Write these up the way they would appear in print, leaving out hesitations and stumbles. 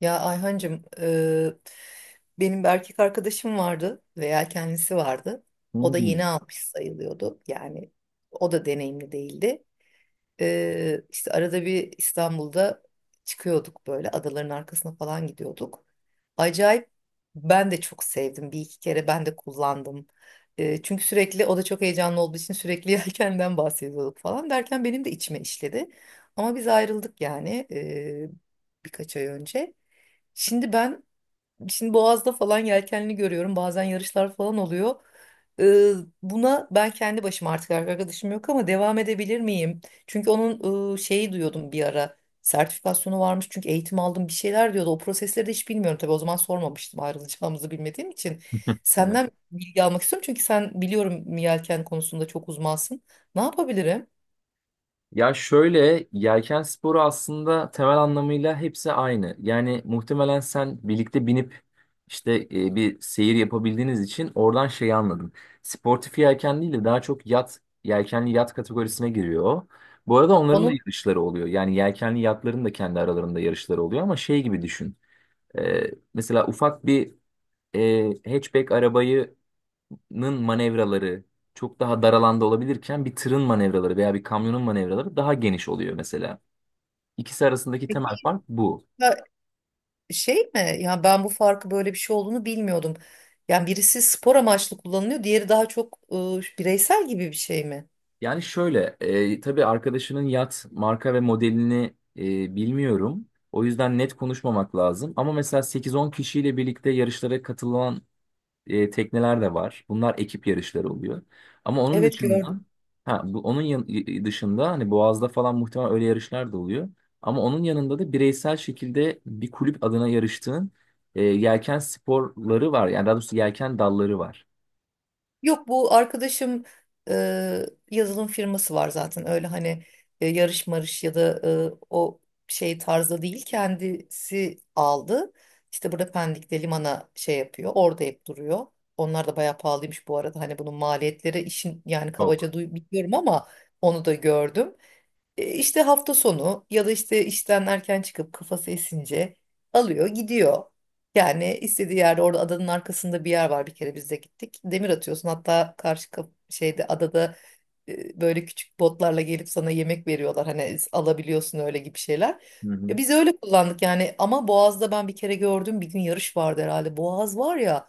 Ya Ayhancığım, benim bir erkek arkadaşım vardı veya kendisi vardı. O da Hmm. yeni almış sayılıyordu. Yani o da deneyimli değildi. İşte arada bir İstanbul'da çıkıyorduk, böyle adaların arkasına falan gidiyorduk. Acayip ben de çok sevdim. Bir iki kere ben de kullandım. Çünkü sürekli o da çok heyecanlı olduğu için sürekli yelkenden bahsediyorduk falan derken benim de içime işledi. Ama biz ayrıldık yani birkaç ay önce. Şimdi ben şimdi Boğaz'da falan yelkenli görüyorum. Bazen yarışlar falan oluyor. Ee, Buna ben kendi başıma, artık arkadaşım yok, ama devam edebilir miyim? Çünkü onun şeyi duyuyordum bir ara. Sertifikasyonu varmış, çünkü eğitim aldım bir şeyler diyordu. O prosesleri de hiç bilmiyorum tabii, o zaman sormamıştım ayrılacağımızı bilmediğim için. Evet. Senden bilgi almak istiyorum, çünkü sen biliyorum yelken konusunda çok uzmansın. Ne yapabilirim? Ya şöyle, yelken sporu aslında temel anlamıyla hepsi aynı. Yani muhtemelen sen birlikte binip işte bir seyir yapabildiğiniz için oradan şeyi anladım. Sportif yelken değil de daha çok yat, yelkenli yat kategorisine giriyor o. Bu arada onların da Onun yarışları oluyor. Yani yelkenli yatların da kendi aralarında yarışları oluyor, ama şey gibi düşün. E, mesela ufak bir hatchback arabayı nın manevraları çok daha dar alanda olabilirken bir tırın manevraları veya bir kamyonun manevraları daha geniş oluyor mesela. İkisi arasındaki temel fark bu. şey mi? Ya ben bu farkı, böyle bir şey olduğunu bilmiyordum. Yani birisi spor amaçlı kullanılıyor, diğeri daha çok bireysel gibi bir şey mi? Yani şöyle, tabii arkadaşının yat marka ve modelini bilmiyorum. O yüzden net konuşmamak lazım. Ama mesela 8-10 kişiyle birlikte yarışlara katılan tekneler de var. Bunlar ekip yarışları oluyor. Ama onun Evet, dışında, gördüm. ha bu onun dışında hani Boğaz'da falan muhtemelen öyle yarışlar da oluyor. Ama onun yanında da bireysel şekilde bir kulüp adına yarıştığın yelken sporları var. Yani daha doğrusu yelken dalları var. Yok, bu arkadaşım e, yazılım firması var zaten. Öyle hani yarış marış ya da e, o şey tarzda değil. Kendisi aldı. İşte burada Pendik'te limana şey yapıyor. Orada hep duruyor. Onlar da bayağı pahalıymış bu arada. Hani bunun maliyetleri işin, yani Çok. kabaca duy biliyorum ama onu da gördüm. İşte hafta sonu ya da işte işten erken çıkıp kafası esince alıyor gidiyor. Yani istediği yerde, orada adanın arkasında bir yer var, bir kere biz de gittik. Demir atıyorsun, hatta karşı kap- şeyde adada böyle küçük botlarla gelip sana yemek veriyorlar. Hani alabiliyorsun, öyle gibi şeyler. Hı hı. Ya biz öyle kullandık yani, ama Boğaz'da ben bir kere gördüm, bir gün yarış vardı herhalde. Boğaz var ya,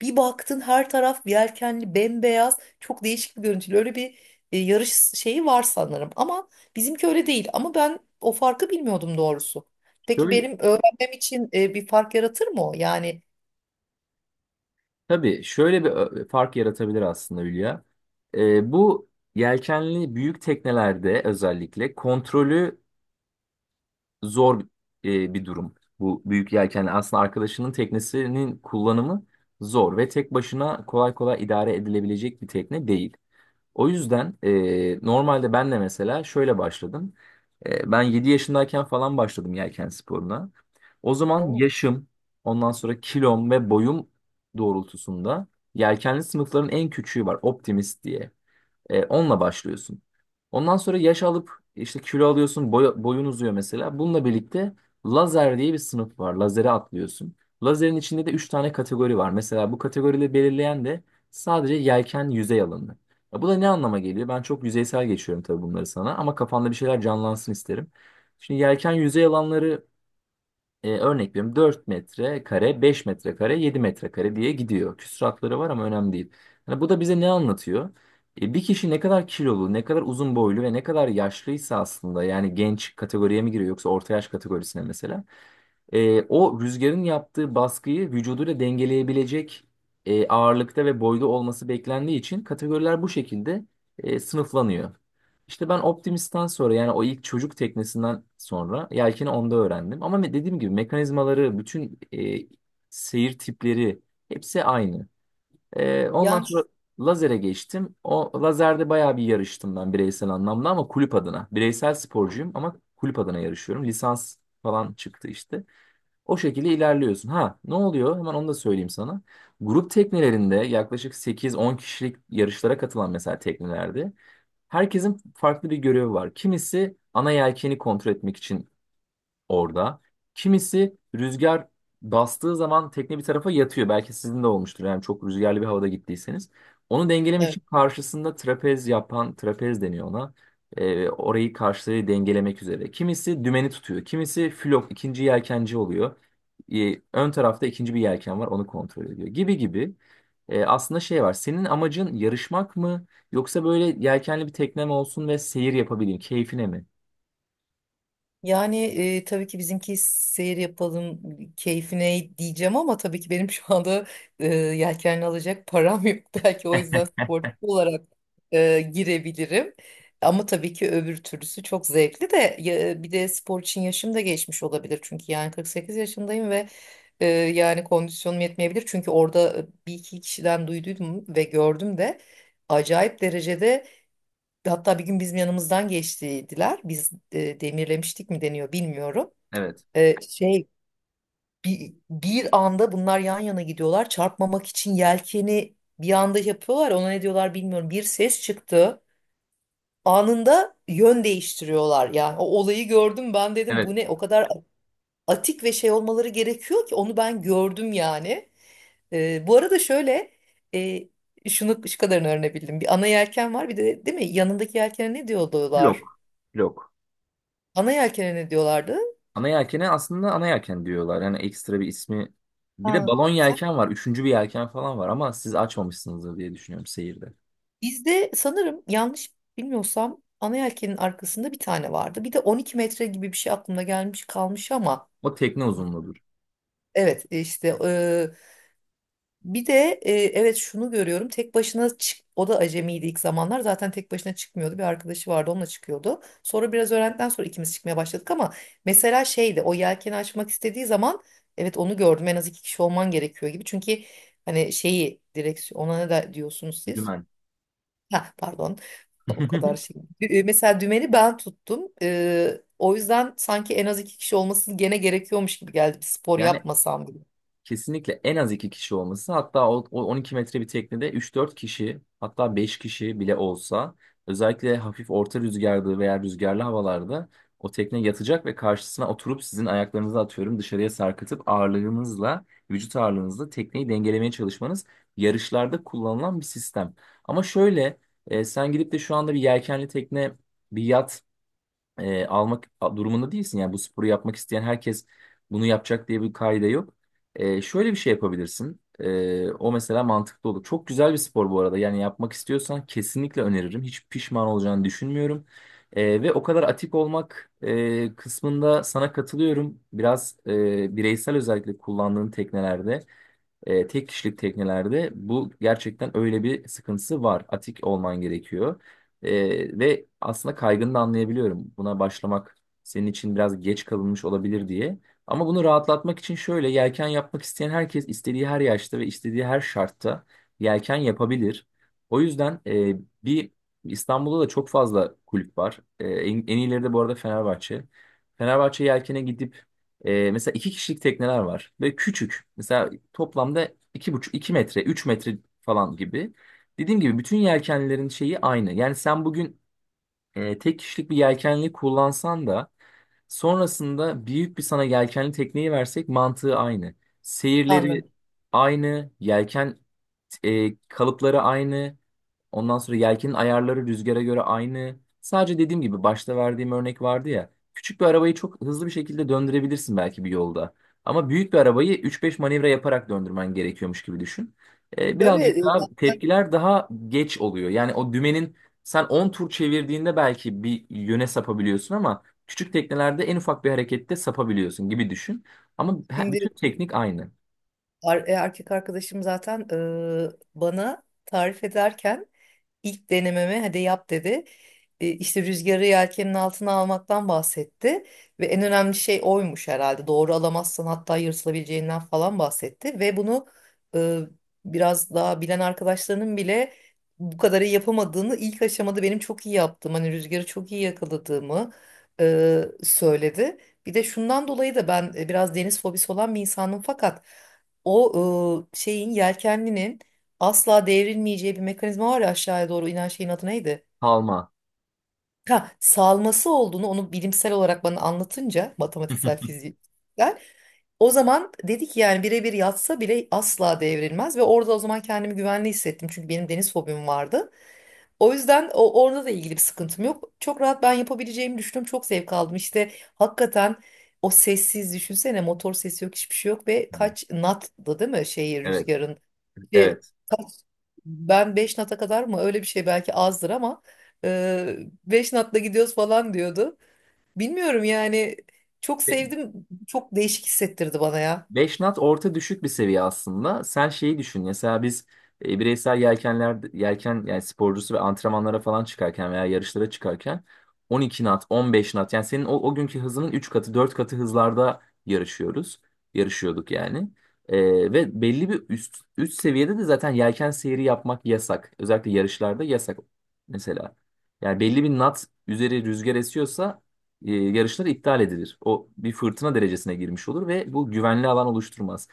bir baktın her taraf yelkenli bembeyaz, çok değişik bir görüntülü, öyle bir yarış şeyi var sanırım, ama bizimki öyle değil. Ama ben o farkı bilmiyordum doğrusu. Peki Şöyle, benim öğrenmem için bir fark yaratır mı o? Yani tabii şöyle bir fark yaratabilir aslında Hülya. Bu yelkenli büyük teknelerde özellikle kontrolü zor bir durum. Bu büyük yelken aslında arkadaşının teknesinin kullanımı zor ve tek başına kolay kolay idare edilebilecek bir tekne değil. O yüzden normalde ben de mesela şöyle başladım. Ben 7 yaşındayken falan başladım yelken sporuna. O zaman o. yaşım, ondan sonra kilom ve boyum doğrultusunda yelkenli sınıfların en küçüğü var, Optimist diye. Onunla başlıyorsun. Ondan sonra yaş alıp işte kilo alıyorsun, boyun uzuyor mesela. Bununla birlikte lazer diye bir sınıf var. Lazere atlıyorsun. Lazerin içinde de 3 tane kategori var. Mesela bu kategorileri belirleyen de sadece yelken yüzey alanı. Ya bu da ne anlama geliyor? Ben çok yüzeysel geçiyorum tabii bunları sana, ama kafanda bir şeyler canlansın isterim. Şimdi yelken yüzey alanları örnek veriyorum 4 metrekare, 5 metrekare, 7 metrekare diye gidiyor. Küsuratları var ama önemli değil. Yani bu da bize ne anlatıyor? Bir kişi ne kadar kilolu, ne kadar uzun boylu ve ne kadar yaşlıysa, aslında yani genç kategoriye mi giriyor yoksa orta yaş kategorisine mesela, o rüzgarın yaptığı baskıyı vücuduyla dengeleyebilecek ağırlıkta ve boyda olması beklendiği için kategoriler bu şekilde sınıflanıyor. İşte ben Optimist'ten sonra, yani o ilk çocuk teknesinden sonra, yelkeni onda öğrendim. Ama dediğim gibi mekanizmaları, bütün seyir tipleri hepsi aynı. Ondan Yani sonra lazere geçtim. O lazerde bayağı bir yarıştım ben, bireysel anlamda ama kulüp adına. Bireysel sporcuyum ama kulüp adına yarışıyorum. Lisans falan çıktı işte. O şekilde ilerliyorsun. Ha, ne oluyor? Hemen onu da söyleyeyim sana. Grup teknelerinde yaklaşık 8-10 kişilik yarışlara katılan mesela teknelerde herkesin farklı bir görevi var. Kimisi ana yelkeni kontrol etmek için orada. Kimisi, rüzgar bastığı zaman tekne bir tarafa yatıyor. Belki sizin de olmuştur. Yani çok rüzgarlı bir havada gittiyseniz. Onu dengelemek için karşısında trapez yapan, trapez deniyor ona. Orayı karşıya dengelemek üzere. Kimisi dümeni tutuyor. Kimisi flok, ikinci yelkenci oluyor. Ön tarafta ikinci bir yelken var, onu kontrol ediyor. Gibi gibi. Aslında şey var. Senin amacın yarışmak mı? Yoksa böyle yelkenli bir teknem olsun ve seyir yapabileyim, keyfine mi? Yani tabii ki bizimki seyir yapalım keyfine diyeceğim, ama tabii ki benim şu anda yelkenli alacak param yok. Belki o yüzden sportif olarak girebilirim. Ama tabii ki öbür türlüsü çok zevkli de ya- bir de spor için yaşım da geçmiş olabilir. Çünkü yani 48 yaşındayım ve yani kondisyonum yetmeyebilir. Çünkü orada bir iki kişiden duyduydum ve gördüm de acayip derecede. Hatta bir gün bizim yanımızdan geçtiler. Biz demirlemiştik mi deniyor bilmiyorum. Evet. Şey, bir anda bunlar yan yana gidiyorlar. Çarpmamak için yelkeni bir anda yapıyorlar. Ona ne diyorlar bilmiyorum. Bir ses çıktı. Anında yön değiştiriyorlar. Yani o olayı gördüm, ben dedim bu Evet. ne? O kadar atik ve şey olmaları gerekiyor ki, onu ben gördüm yani. Bu arada şöyle e, şunu, şu kadarını öğrenebildim. Bir ana yelken var bir de, değil mi? Yanındaki yelkene ne diyorlar? Lok. Lok. Ana yelkene ne diyorlardı? Ana yelkene aslında ana yelken diyorlar. Yani ekstra bir ismi. Bir de Ha, balon sen- yelken var. Üçüncü bir yelken falan var ama siz açmamışsınızdır diye düşünüyorum seyirde. Bizde sanırım yanlış bilmiyorsam ana yelkenin arkasında bir tane vardı. Bir de 12 metre gibi bir şey aklımda gelmiş kalmış ama O tekne uzunluğudur. evet işte bir de evet şunu görüyorum, tek başına çık, o da acemiydi ilk zamanlar, zaten tek başına çıkmıyordu, bir arkadaşı vardı onunla çıkıyordu. Sonra biraz öğrendikten sonra ikimiz çıkmaya başladık. Ama mesela şeydi, o yelkeni açmak istediği zaman, evet onu gördüm, en az iki kişi olman gerekiyor gibi. Çünkü hani şeyi, direksiyon, ona ne de diyorsunuz siz? Dümen. Ha, pardon. O kadar şey. Mesela dümeni ben tuttum. O yüzden sanki en az iki kişi olması gene gerekiyormuş gibi geldi. Bir spor Yani yapmasam bile. kesinlikle en az iki kişi olması, hatta o 12 metre bir teknede üç dört kişi, hatta 5 kişi bile olsa, özellikle hafif orta rüzgarlı veya rüzgarlı havalarda, o tekne yatacak ve karşısına oturup sizin ayaklarınızı, atıyorum, dışarıya sarkıtıp ağırlığınızla, vücut ağırlığınızla tekneyi dengelemeye çalışmanız yarışlarda kullanılan bir sistem. Ama şöyle, sen gidip de şu anda bir yelkenli tekne, bir yat almak durumunda değilsin. Yani bu sporu yapmak isteyen herkes bunu yapacak diye bir kaide yok. Şöyle bir şey yapabilirsin. O mesela mantıklı olur. Çok güzel bir spor bu arada. Yani yapmak istiyorsan kesinlikle öneririm. Hiç pişman olacağını düşünmüyorum. Ve o kadar atik olmak kısmında sana katılıyorum. Biraz bireysel, özellikle kullandığın teknelerde, tek kişilik teknelerde bu gerçekten öyle bir sıkıntısı var. Atik olman gerekiyor. Ve aslında kaygını da anlayabiliyorum. Buna başlamak senin için biraz geç kalınmış olabilir diye. Ama bunu rahatlatmak için, şöyle, yelken yapmak isteyen herkes istediği her yaşta ve istediği her şartta yelken yapabilir. O yüzden e, bir İstanbul'da da çok fazla kulüp var. En iyileri de bu arada Fenerbahçe. Fenerbahçe yelkene gidip mesela iki kişilik tekneler var ve küçük. Mesela toplamda iki buçuk, 2 metre, 3 metre falan gibi. Dediğim gibi bütün yelkenlerin şeyi aynı. Yani sen bugün tek kişilik bir yelkenli kullansan da sonrasında büyük bir sana yelkenli tekneyi versek mantığı aynı. Seyirleri Anladım. aynı, yelken kalıpları aynı. Ondan sonra yelkenin ayarları rüzgara göre aynı. Sadece dediğim gibi başta verdiğim örnek vardı ya. Küçük bir arabayı çok hızlı bir şekilde döndürebilirsin belki bir yolda. Ama büyük bir arabayı 3-5 manevra yaparak döndürmen gerekiyormuş gibi düşün. Ee, Böyle birazcık daha zaten tepkiler daha geç oluyor. Yani o dümenin sen 10 tur çevirdiğinde belki bir yöne sapabiliyorsun ama küçük teknelerde en ufak bir harekette sapabiliyorsun gibi düşün. Ama şimdi bütün teknik aynı. Erkek arkadaşım zaten bana tarif ederken ilk denememe hadi yap dedi. İşte rüzgarı yelkenin altına almaktan bahsetti ve en önemli şey oymuş herhalde. Doğru alamazsan hatta yırtılabileceğinden falan bahsetti. Ve bunu e, biraz daha bilen arkadaşlarının bile bu kadarı yapamadığını, ilk aşamada benim çok iyi yaptım, hani rüzgarı çok iyi yakaladığımı söyledi. Bir de şundan dolayı da, ben biraz deniz fobisi olan bir insanım, fakat o şeyin, yelkenlinin asla devrilmeyeceği bir mekanizma var ya, aşağıya doğru inen şeyin adı neydi? Kalma. Ha, salması olduğunu, onu bilimsel olarak bana anlatınca, matematiksel fizikler, o zaman dedi ki yani birebir yatsa bile asla devrilmez. Ve orada o zaman kendimi güvenli hissettim, çünkü benim deniz fobim vardı. O yüzden o, orada da ilgili bir sıkıntım yok. Çok rahat ben yapabileceğimi düşündüm. Çok zevk aldım. İşte hakikaten o sessiz, düşünsene motor sesi yok, hiçbir şey yok. Ve kaç knot'dı değil mi, şeyi, Evet, rüzgarın e, evet. kaç- ben 5 nata kadar mı, öyle bir şey, belki azdır ama e, 5 natla gidiyoruz falan diyordu. Bilmiyorum yani, çok sevdim, çok değişik hissettirdi bana ya. 5 knot orta düşük bir seviye aslında. Sen şeyi düşün. Mesela biz bireysel yelkenler yelken yani sporcusu ve antrenmanlara falan çıkarken veya yarışlara çıkarken 12 on beş knot, yani senin o günkü hızının 3 katı, 4 katı hızlarda yarışıyoruz. Yarışıyorduk yani. E, ve belli bir üst seviyede de zaten yelken seyri yapmak yasak. Özellikle yarışlarda yasak mesela. Yani belli bir knot üzeri rüzgar esiyorsa yarışlar iptal edilir. O bir fırtına derecesine girmiş olur ve bu güvenli alan oluşturmaz.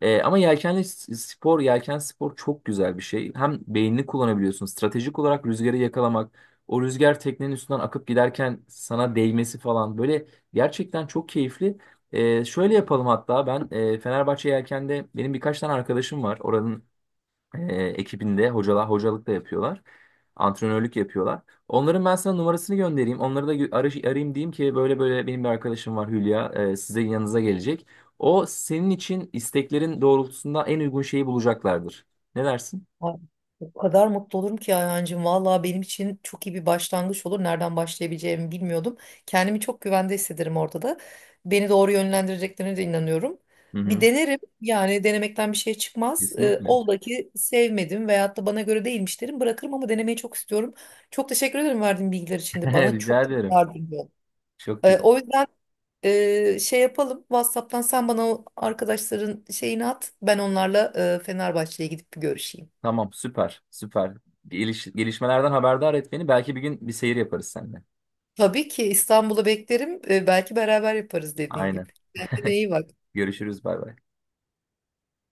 Ama yelkenli spor, yelken spor çok güzel bir şey. Hem beynini kullanabiliyorsun. Stratejik olarak rüzgarı yakalamak, o rüzgar teknenin üstünden akıp giderken sana değmesi falan, böyle gerçekten çok keyifli. Şöyle yapalım, hatta ben Fenerbahçe Yelken'de benim birkaç tane arkadaşım var. Oranın ekibinde hocalar hocalık da yapıyorlar. Antrenörlük yapıyorlar. Onların ben sana numarasını göndereyim. Onları da arayayım, diyeyim ki böyle böyle benim bir arkadaşım var Hülya size, yanınıza gelecek. O senin için isteklerin doğrultusunda en uygun şeyi bulacaklardır. Ne dersin? Ay, o kadar mutlu olurum ki Ayhancığım. Vallahi benim için çok iyi bir başlangıç olur. Nereden başlayabileceğimi bilmiyordum. Kendimi çok güvende hissederim orada da. Beni doğru yönlendireceklerine de inanıyorum. Hı Bir hı. denerim. Yani denemekten bir şey çıkmaz. Kesinlikle. Ola ki sevmedim veyahut da bana göre değilmiş derim. Bırakırım, ama denemeyi çok istiyorum. Çok teşekkür ederim verdiğin bilgiler için de. Bana Rica çok çok ederim. yardımcı oldu. Çok güzel. O yüzden şey yapalım. WhatsApp'tan sen bana o arkadaşların şeyini at. Ben onlarla Fenerbahçe'ye gidip bir görüşeyim. Tamam, süper süper. Gelişmelerden haberdar et beni. Belki bir gün bir seyir yaparız seninle. Tabii ki İstanbul'a beklerim. Belki beraber yaparız dediğin gibi. Aynen. Kendine iyi bak. Görüşürüz, bay bay.